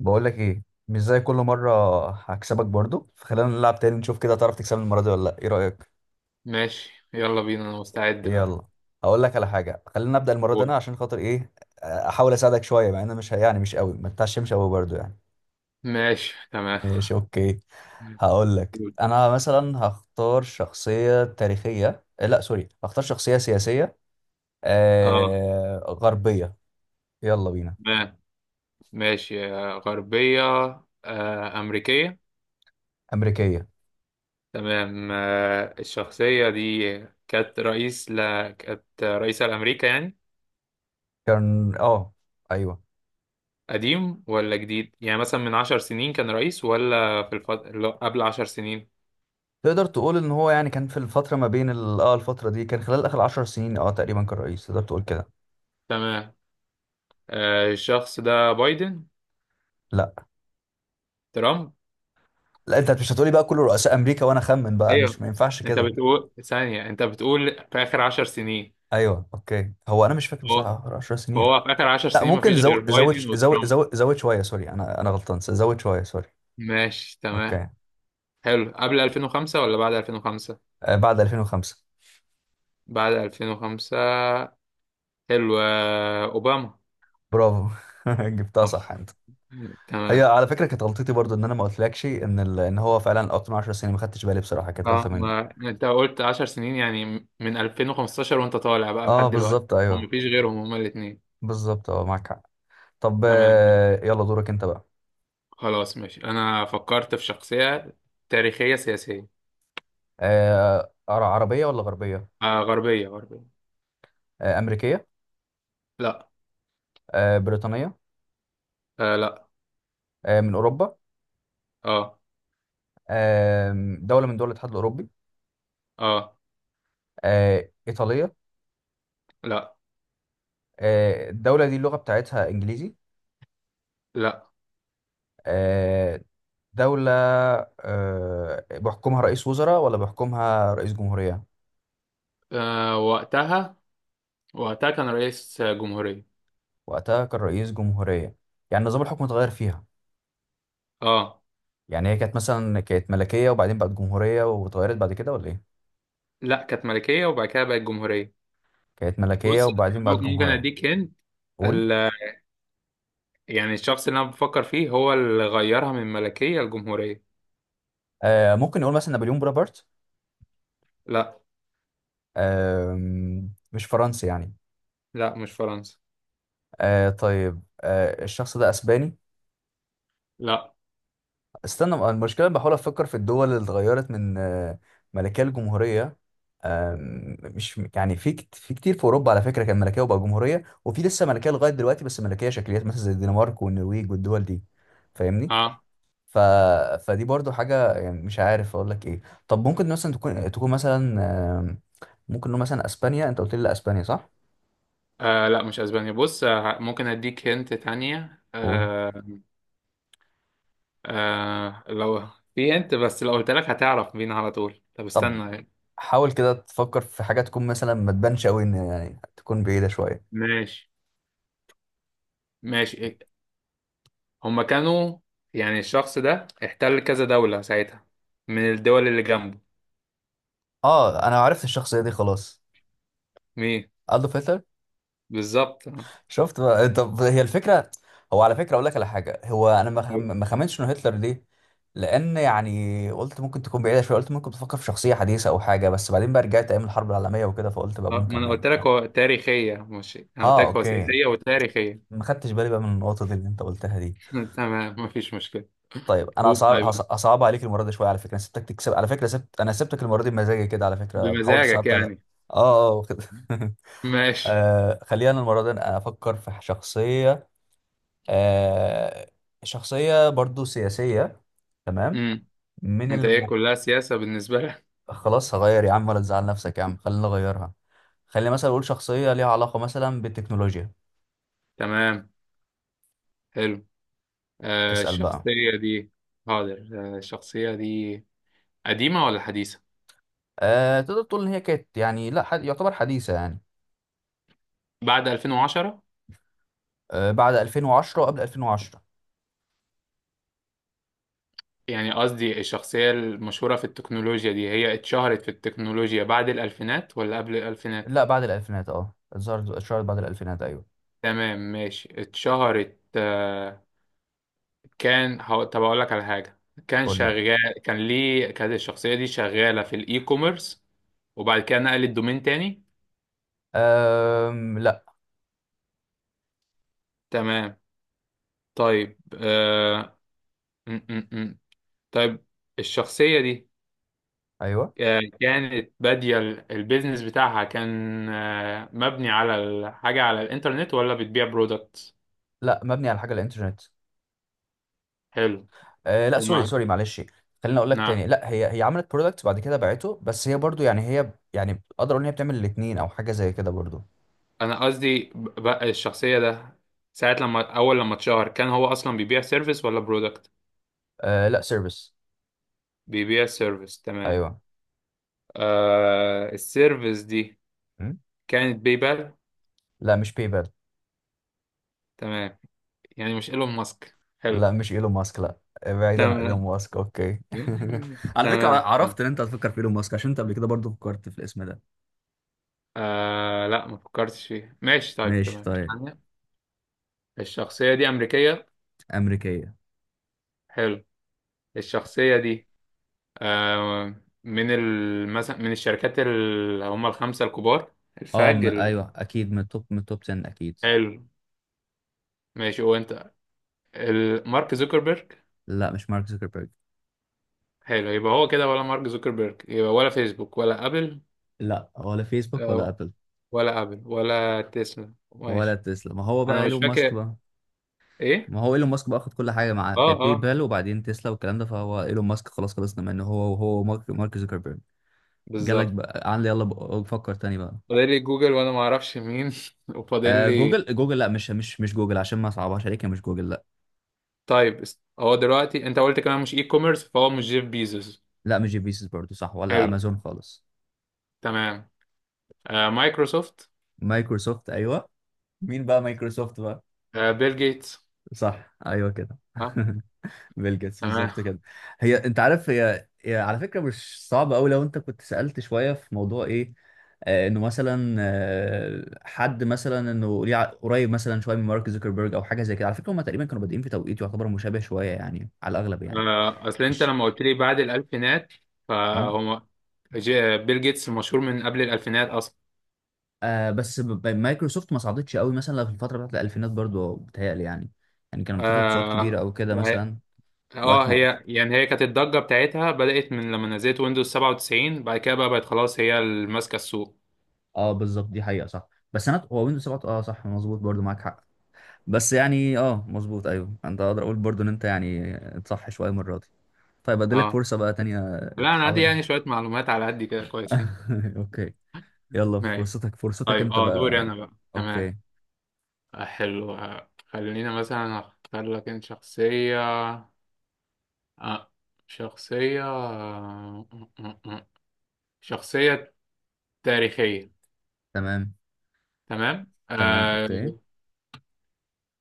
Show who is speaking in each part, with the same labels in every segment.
Speaker 1: بقول لك ايه، مش زي كل مره هكسبك برضو، فخلينا نلعب تاني نشوف كده، تعرف تكسبني المره دي ولا لا، ايه رايك؟
Speaker 2: ماشي، يلا بينا، انا مستعد
Speaker 1: يلا،
Speaker 2: بقى.
Speaker 1: هقول لك على حاجه، خلينا نبدا المره دي
Speaker 2: قول.
Speaker 1: انا عشان خاطر ايه، احاول اساعدك شويه، مع ان أنا مش مش قوي، ما تتعشمش قوي برضو يعني.
Speaker 2: ماشي، تمام.
Speaker 1: ماشي، اوكي. هقول لك
Speaker 2: قول.
Speaker 1: انا مثلا هختار شخصيه تاريخيه، لا سوري، هختار شخصيه سياسيه.
Speaker 2: اه.
Speaker 1: غربيه. يلا بينا.
Speaker 2: تمام. ماشي، غربية. أمريكية.
Speaker 1: امريكيه.
Speaker 2: تمام. الشخصية دي كانت كانت رئيسة لأمريكا يعني.
Speaker 1: كان ايوه.
Speaker 2: قديم ولا جديد، يعني مثلا من عشر سنين كان رئيس، ولا لا، قبل عشر سنين؟
Speaker 1: تقدر تقول ان هو يعني كان في الفتره ما بين الفتره دي، كان خلال اخر 10 سنين تقريبا، كان رئيس، تقدر تقول كده.
Speaker 2: تمام. الشخص ده بايدن؟
Speaker 1: لا.
Speaker 2: ترامب؟
Speaker 1: لا، انت مش هتقولي بقى كل رؤساء امريكا وانا اخمن بقى، مش،
Speaker 2: ايوه.
Speaker 1: ما ينفعش
Speaker 2: انت
Speaker 1: كده.
Speaker 2: بتقول ثانية، انت بتقول في آخر عشر سنين؟
Speaker 1: ايوه، اوكي. هو انا مش فاكر بصراحه اخر 10 سنين.
Speaker 2: هو في آخر عشر
Speaker 1: لا
Speaker 2: سنين
Speaker 1: ممكن
Speaker 2: مفيش غير
Speaker 1: زود زود،
Speaker 2: بايدن وترامب؟
Speaker 1: زود شويه، سوري. انا غلطان، زود شويه، سوري.
Speaker 2: ماشي، تمام.
Speaker 1: اوكي.
Speaker 2: حلو، قبل 2005 ولا بعد 2005؟
Speaker 1: بعد 2005.
Speaker 2: بعد 2005. حلو، أوباما؟
Speaker 1: برافو. جبتها صح انت. هي
Speaker 2: تمام.
Speaker 1: على فكره كانت غلطتي برضو، ان انا ما قلتلكش ان ان هو فعلا اكتر من 10 سنين، ما خدتش بالي بصراحه، كانت غلطه
Speaker 2: اه،
Speaker 1: مني.
Speaker 2: ما انت قلت 10 سنين، يعني من 2015 وانت طالع بقى
Speaker 1: اه
Speaker 2: لحد دلوقتي.
Speaker 1: بالظبط
Speaker 2: هم
Speaker 1: ايوه.
Speaker 2: مفيش غيرهم، هما الاثنين.
Speaker 1: بالظبط، اه معاك حق. طب،
Speaker 2: تمام.
Speaker 1: يلا دورك انت بقى.
Speaker 2: خلاص، ماشي، انا فكرت في شخصية تاريخية سياسية.
Speaker 1: عربية ولا غربية؟
Speaker 2: غربية غربية.
Speaker 1: أمريكية؟
Speaker 2: لا.
Speaker 1: بريطانية؟
Speaker 2: لا.
Speaker 1: من أوروبا؟
Speaker 2: اه.
Speaker 1: آه، دولة من دول الاتحاد الأوروبي؟
Speaker 2: اه.
Speaker 1: إيطالية؟
Speaker 2: لا.
Speaker 1: الدولة دي اللغة بتاعتها إنجليزي؟
Speaker 2: لا.
Speaker 1: آه، دولة. بيحكمها رئيس وزراء ولا بيحكمها رئيس جمهورية؟
Speaker 2: وقتها، كان رئيس جمهورية.
Speaker 1: وقتها كان رئيس جمهورية. يعني نظام الحكم اتغير فيها.
Speaker 2: اه،
Speaker 1: يعني هي كانت مثلا، كانت ملكية وبعدين بقت جمهورية واتغيرت بعد كده ولا إيه؟
Speaker 2: لا، كانت ملكية وبعد كده بقت جمهورية.
Speaker 1: كانت ملكية
Speaker 2: بص،
Speaker 1: وبعدين بقت
Speaker 2: ممكن
Speaker 1: جمهورية.
Speaker 2: اديك هند.
Speaker 1: قول.
Speaker 2: ال... يعني الشخص اللي انا بفكر فيه هو اللي غيرها من ملكية لجمهورية.
Speaker 1: ممكن نقول مثلا نابليون بونابرت.
Speaker 2: لا.
Speaker 1: آه مش فرنسي يعني؟
Speaker 2: لا، مش فرنسا.
Speaker 1: طيب، الشخص ده اسباني؟
Speaker 2: لا.
Speaker 1: استنى، المشكله بحاول افكر في الدول اللي اتغيرت من، ملكيه لجمهوريه. آه مش يعني، في كتير في اوروبا على فكره كان ملكيه وبقى جمهوريه، وفي لسه ملكيه لغايه دلوقتي بس ملكيه شكليات، مثلا زي الدنمارك والنرويج والدول دي. فاهمني؟
Speaker 2: اه.
Speaker 1: ف... فدي برضو حاجه، يعني مش عارف اقول لك ايه. طب ممكن مثلا تكون مثلا، آم، ممكن نقول مثلا اسبانيا، انت قلت لي لا اسبانيا صح؟
Speaker 2: لا، مش اسبانيا. بص، ممكن اديك هنت تانية.
Speaker 1: قول.
Speaker 2: لو في هنت، بس لو قلت لك هتعرف بينا على طول. طب،
Speaker 1: طب
Speaker 2: استنى يعني.
Speaker 1: حاول كده تفكر في حاجة تكون مثلا ما تبانش قوي، ان يعني تكون بعيدة شوية.
Speaker 2: ماشي، ماشي. هما كانوا يعني الشخص ده احتل كذا دولة ساعتها، من الدول اللي جنبه.
Speaker 1: اه، انا عرفت الشخصية دي خلاص.
Speaker 2: مين؟
Speaker 1: ألدو هتلر.
Speaker 2: بالظبط.
Speaker 1: شفت بقى إيه، طب هي الفكرة. هو على فكرة اقول لك على حاجة، هو انا ما خمنتش انه هتلر ليه. لان يعني قلت ممكن تكون بعيدة شوية، قلت ممكن تفكر في شخصية حديثة او حاجة، بس بعدين بقى رجعت ايام الحرب العالمية وكده، فقلت بقى
Speaker 2: ما
Speaker 1: ممكن
Speaker 2: انا
Speaker 1: يعني
Speaker 2: قلت لك
Speaker 1: يكون.
Speaker 2: هو تاريخية، مش انا قلت
Speaker 1: اه،
Speaker 2: لك هو
Speaker 1: اوكي.
Speaker 2: سياسية وتاريخية.
Speaker 1: ما خدتش بالي بقى من النقطة دي اللي انت قلتها دي.
Speaker 2: تمام، مفيش مشكلة.
Speaker 1: طيب انا
Speaker 2: قول.
Speaker 1: اصعب
Speaker 2: طيب،
Speaker 1: اصعب عليك المره دي شويه، على فكره انا سبتك تكسب على فكره، انا سبتك المره دي بمزاجي كده، على فكره حاولت
Speaker 2: بمزاجك
Speaker 1: صعبت عليها.
Speaker 2: يعني؟
Speaker 1: اه اه كده
Speaker 2: ماشي.
Speaker 1: خلينا المره دي أنا افكر في شخصيه، آه شخصيه برضو سياسيه. تمام.
Speaker 2: امم
Speaker 1: من
Speaker 2: انت ايه،
Speaker 1: الم...
Speaker 2: كلها سياسة بالنسبة لك؟
Speaker 1: خلاص هغير يا عم، ولا تزعل نفسك يا عم، خلينا نغيرها. خلينا مثلا اقول شخصيه ليها علاقه مثلا بالتكنولوجيا.
Speaker 2: تمام. حلو.
Speaker 1: اسال بقى.
Speaker 2: الشخصية دي. حاضر. الشخصية دي قديمة ولا حديثة؟
Speaker 1: تقدر تقول ان هي كانت يعني لا حد... يعتبر حديثه يعني.
Speaker 2: بعد 2010؟
Speaker 1: بعد 2010 وقبل 2010.
Speaker 2: يعني قصدي الشخصية المشهورة في التكنولوجيا دي، هي اتشهرت في التكنولوجيا بعد الألفينات ولا قبل الألفينات؟
Speaker 1: لا، بعد الألفينات، اه اتظهرت اتشهرت بعد الألفينات أيوه.
Speaker 2: تمام، ماشي، اتشهرت. طب أقول لك على حاجة،
Speaker 1: قول لي.
Speaker 2: كانت الشخصية دي شغالة في الإي كوميرس، وبعد كده نقلت دومين تاني؟
Speaker 1: لا.
Speaker 2: تمام. طيب، م -م -م. طيب، الشخصية دي،
Speaker 1: أيوه.
Speaker 2: كانت بادية البيزنس بتاعها كان مبني على الحاجة على الإنترنت، ولا بتبيع برودكت؟
Speaker 1: لا، مبني على حاجة الإنترنت.
Speaker 2: حلو.
Speaker 1: أه لا، سوري
Speaker 2: ومع
Speaker 1: سوري معلش. خليني أقول لك تاني،
Speaker 2: نعم.
Speaker 1: لا هي عملت برودكت بعد كده باعته، بس هي برضو يعني هي يعني، أقدر أقول إن هي بتعمل الاتنين أو حاجة زي كده برضو.
Speaker 2: انا قصدي بقى الشخصيه ده، ساعه لما اول لما اتشهر، كان هو اصلا بيبيع سيرفيس ولا برودكت؟
Speaker 1: أه لا، سيرفيس.
Speaker 2: بيبيع سيرفيس، تمام.
Speaker 1: أيوه.
Speaker 2: السيرفيس دي
Speaker 1: م؟
Speaker 2: كانت باي بال؟
Speaker 1: لا مش بيبال.
Speaker 2: تمام، يعني مش ايلون ماسك؟
Speaker 1: لا
Speaker 2: حلو.
Speaker 1: مش إيلون ماسك لا. بعيدا عن إيلون
Speaker 2: تمام.
Speaker 1: ماسك، أوكي. على فكرة
Speaker 2: تمام.
Speaker 1: عرفت إن أنت هتفكر في إيلون ماسك عشان أنت قبل كده برضو فكرت في الاسم ده.
Speaker 2: لا، ما فكرتش فيها. ماشي، طيب،
Speaker 1: ماشي
Speaker 2: تمام.
Speaker 1: طيب.
Speaker 2: الشخصيه دي امريكيه؟
Speaker 1: أمريكية.
Speaker 2: حلو. الشخصيه دي، آه، مثلا من الشركات اللي هم الخمسة الكبار،
Speaker 1: اه
Speaker 2: الفاج ال...
Speaker 1: ايوه، اكيد من التوب، 10 اكيد.
Speaker 2: حلو. ماشي، وانت، مارك زوكربيرج؟
Speaker 1: لا مش مارك زوكربيرج.
Speaker 2: حلو. يبقى هو كده، ولا مارك زوكربيرج يبقى، ولا فيسبوك، ولا ابل؟
Speaker 1: لا، ولا فيسبوك ولا
Speaker 2: آه،
Speaker 1: ابل.
Speaker 2: ولا ابل ولا تسلا،
Speaker 1: ولا
Speaker 2: ماشي.
Speaker 1: تسلا. ما هو بقى
Speaker 2: انا مش
Speaker 1: ايلون ماسك
Speaker 2: فاكر.
Speaker 1: بقى،
Speaker 2: ايه؟
Speaker 1: ما هو ايلون ماسك بقى اخد كل حاجه معاه،
Speaker 2: اه،
Speaker 1: كانت باي
Speaker 2: اه،
Speaker 1: بال وبعدين تسلا والكلام ده، فهو ايلون ماسك خلاص خلصنا منه، هو وهو مارك زوكربيرج. جالك
Speaker 2: بالظبط.
Speaker 1: بقى، عن يلا بقى فكر تاني بقى.
Speaker 2: فاضل لي جوجل وانا ما اعرفش مين. وفاضل لي.
Speaker 1: جوجل؟ جوجل لا، مش جوجل، عشان ما صعبهاش عليك، هي مش جوجل لا.
Speaker 2: طيب، هو دلوقتي انت قلت كمان مش اي كوميرس، فهو مش جيف بيزوس؟
Speaker 1: لا مش جي بيسز برضه صح، ولا
Speaker 2: حلو.
Speaker 1: امازون خالص.
Speaker 2: تمام. مايكروسوفت؟
Speaker 1: مايكروسوفت ايوه. مين بقى مايكروسوفت بقى؟
Speaker 2: بيل جيتس؟
Speaker 1: صح ايوه كده.
Speaker 2: اه.
Speaker 1: بيل جيتس
Speaker 2: تمام.
Speaker 1: بالظبط كده. هي انت عارف هي, على فكره مش صعبه قوي لو انت كنت سالت شويه في موضوع ايه. انه مثلا حد مثلا، انه ليه قريب مثلا شويه من مارك زوكربيرج او حاجه زي كده، على فكره هم تقريبا كانوا بادئين في توقيت يعتبر مشابه شويه يعني، على الاغلب يعني.
Speaker 2: اصل انت
Speaker 1: إيش.
Speaker 2: لما قلت لي بعد الالفينات،
Speaker 1: اه،
Speaker 2: فهو بيل جيتس مشهور من قبل الالفينات اصلا.
Speaker 1: بس مايكروسوفت ما صعدتش قوي مثلا في الفتره بتاعت الالفينات برضو بتهيألي يعني، يعني كانت بتطلع صعود كبيره
Speaker 2: اه.
Speaker 1: او كده مثلا. وقت ما،
Speaker 2: هي يعني هي كانت الضجه بتاعتها بدات من لما نزلت ويندوز 97، بعد كده بقى بقت خلاص هي اللي ماسكه السوق.
Speaker 1: اه بالظبط دي حقيقه صح. بس انا، هو ويندوز 7 اه صح مظبوط برضو معاك حق. بس يعني اه مظبوط ايوه، انت اقدر اقول برضو ان انت يعني صح شويه المره دي. طيب اديلك
Speaker 2: اه،
Speaker 1: فرصه بقى تانية.
Speaker 2: لا، انا عندي
Speaker 1: تحاول.
Speaker 2: يعني شويه معلومات على قد كده كويسين.
Speaker 1: اوكي. يلا،
Speaker 2: ماشي،
Speaker 1: فرصتك
Speaker 2: طيب.
Speaker 1: انت
Speaker 2: اه، دوري
Speaker 1: بقى.
Speaker 2: انا بقى. تمام.
Speaker 1: اوكي.
Speaker 2: حلو. خلينا مثلا اختار لك انت شخصيه، آه. شخصية آه، آه. شخصية تاريخية.
Speaker 1: تمام.
Speaker 2: تمام.
Speaker 1: تمام اوكي.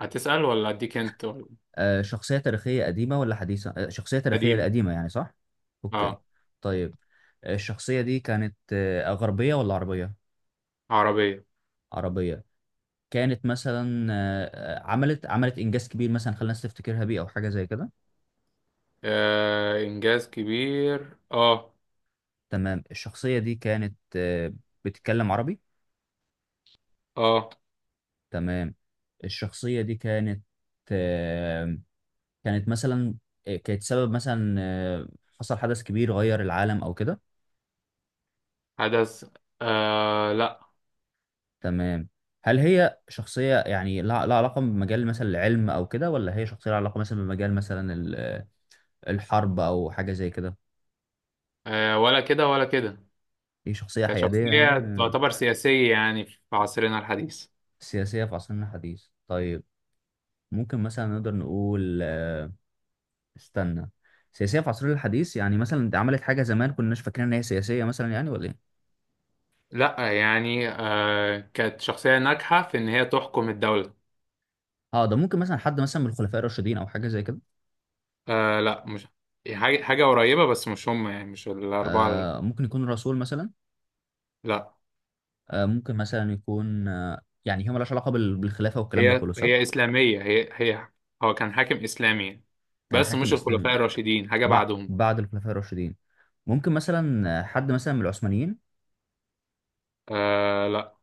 Speaker 2: هتسأل ولا أديك أنت، ولا؟
Speaker 1: شخصيه تاريخيه، قديمه ولا حديثه؟ شخصيه تاريخيه
Speaker 2: قديم.
Speaker 1: قديمه يعني صح؟ اوكي.
Speaker 2: آه
Speaker 1: طيب. الشخصيه دي كانت غربيه ولا عربيه؟
Speaker 2: عربية.
Speaker 1: عربيه. كانت مثلا عملت انجاز كبير مثلا خلى الناس تفتكرها بيه او حاجه زي كده.
Speaker 2: إنجاز كبير.
Speaker 1: تمام الشخصية دي كانت بتتكلم عربي.
Speaker 2: آه
Speaker 1: تمام الشخصية دي كانت آه، كانت مثلا كانت سبب مثلا حصل حدث كبير غير العالم أو كده.
Speaker 2: حدث. لا.
Speaker 1: تمام. هل هي شخصية يعني لها علاقة بمجال مثلا العلم أو كده، ولا هي شخصية لها علاقة مثلا بمجال مثلا الحرب أو حاجة زي كده؟
Speaker 2: ولا كده ولا كده.
Speaker 1: هي شخصية حيادية
Speaker 2: كشخصية
Speaker 1: يعني
Speaker 2: تعتبر سياسية يعني في عصرنا الحديث.
Speaker 1: سياسية في عصرنا الحديث، طيب. ممكن مثلا نقدر نقول استنى، سياسيه في عصرنا الحديث يعني، مثلا انت عملت حاجه زمان كناش فاكرين ان هي سياسيه مثلا يعني ولا ايه؟
Speaker 2: لا يعني، كانت شخصية ناجحة في إن هي تحكم الدولة.
Speaker 1: اه، ده ممكن مثلا حد مثلا من الخلفاء الراشدين او حاجه زي كده.
Speaker 2: لا مش، حاجة قريبة، بس مش هم، يعني مش الأربعة
Speaker 1: ممكن يكون رسول مثلا.
Speaker 2: لا،
Speaker 1: ممكن مثلا يكون يعني هي مالهاش علاقه بالخلافه والكلام ده
Speaker 2: هي
Speaker 1: كله صح.
Speaker 2: هي إسلامية، هي هي هو كان حاكم إسلامي يعني.
Speaker 1: كان
Speaker 2: بس
Speaker 1: حاكم
Speaker 2: مش
Speaker 1: اسلامي،
Speaker 2: الخلفاء الراشدين، حاجة بعدهم.
Speaker 1: بعد الخلفاء الراشدين. ممكن مثلا حد مثلا من العثمانيين؟
Speaker 2: لا،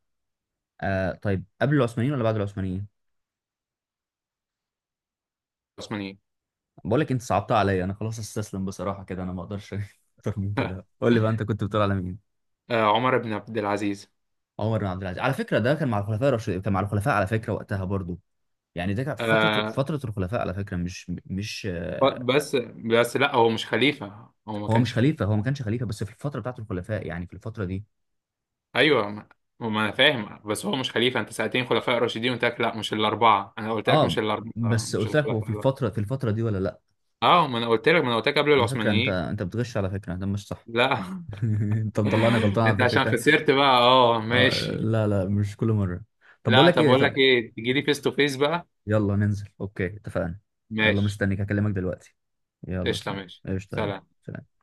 Speaker 1: طيب قبل العثمانيين ولا بعد العثمانيين؟
Speaker 2: عثمانيين.
Speaker 1: بقول لك انت صعبتها عليا، انا خلاص استسلم بصراحه كده، انا ما اقدرش اكتر من كده، قول لي بقى انت كنت بتقول على مين.
Speaker 2: عمر بن عبد العزيز.
Speaker 1: عمر بن عبد العزيز، على فكره ده كان مع الخلفاء الراشدين، كان مع الخلفاء على فكره وقتها برضو. يعني ده كانت في
Speaker 2: آه
Speaker 1: فتره الخلفاء على فكره، مش مش آه،
Speaker 2: بس، لا، هو مش خليفة، هو ما
Speaker 1: هو مش
Speaker 2: كانش
Speaker 1: خليفه،
Speaker 2: خليفة.
Speaker 1: هو ما كانش خليفه، بس في الفتره بتاعت الخلفاء يعني، في الفتره دي.
Speaker 2: أيوه، ما أنا فاهم، بس هو مش خليفة. أنت سألتني خلفاء راشدين، قلت لك لا مش الأربعة، أنا قلت لك
Speaker 1: اه،
Speaker 2: مش الأربعة،
Speaker 1: بس
Speaker 2: مش
Speaker 1: قلت لك هو
Speaker 2: الخلفاء.
Speaker 1: في الفتره دي ولا لا.
Speaker 2: أه، ما أنا قلت لك قبل
Speaker 1: على فكره
Speaker 2: العثمانيين.
Speaker 1: انت بتغش، على فكره ده مش صح.
Speaker 2: لا.
Speaker 1: انت مطلعني غلطان، على
Speaker 2: انت
Speaker 1: فكره
Speaker 2: عشان
Speaker 1: كان.
Speaker 2: خسرت بقى؟ اه، ماشي.
Speaker 1: لا لا مش كل مره. طب بقول
Speaker 2: لا،
Speaker 1: لك
Speaker 2: طب
Speaker 1: ايه،
Speaker 2: اقول
Speaker 1: طب.
Speaker 2: لك ايه، تجي لي فيس تو فيس بقى.
Speaker 1: يلا ننزل اوكي، اتفقنا. يلا
Speaker 2: ماشي.
Speaker 1: مستنيك، هكلمك دلوقتي. يلا
Speaker 2: قشطه،
Speaker 1: سلام،
Speaker 2: ماشي،
Speaker 1: قشطه يلا.
Speaker 2: سلام.
Speaker 1: سلام.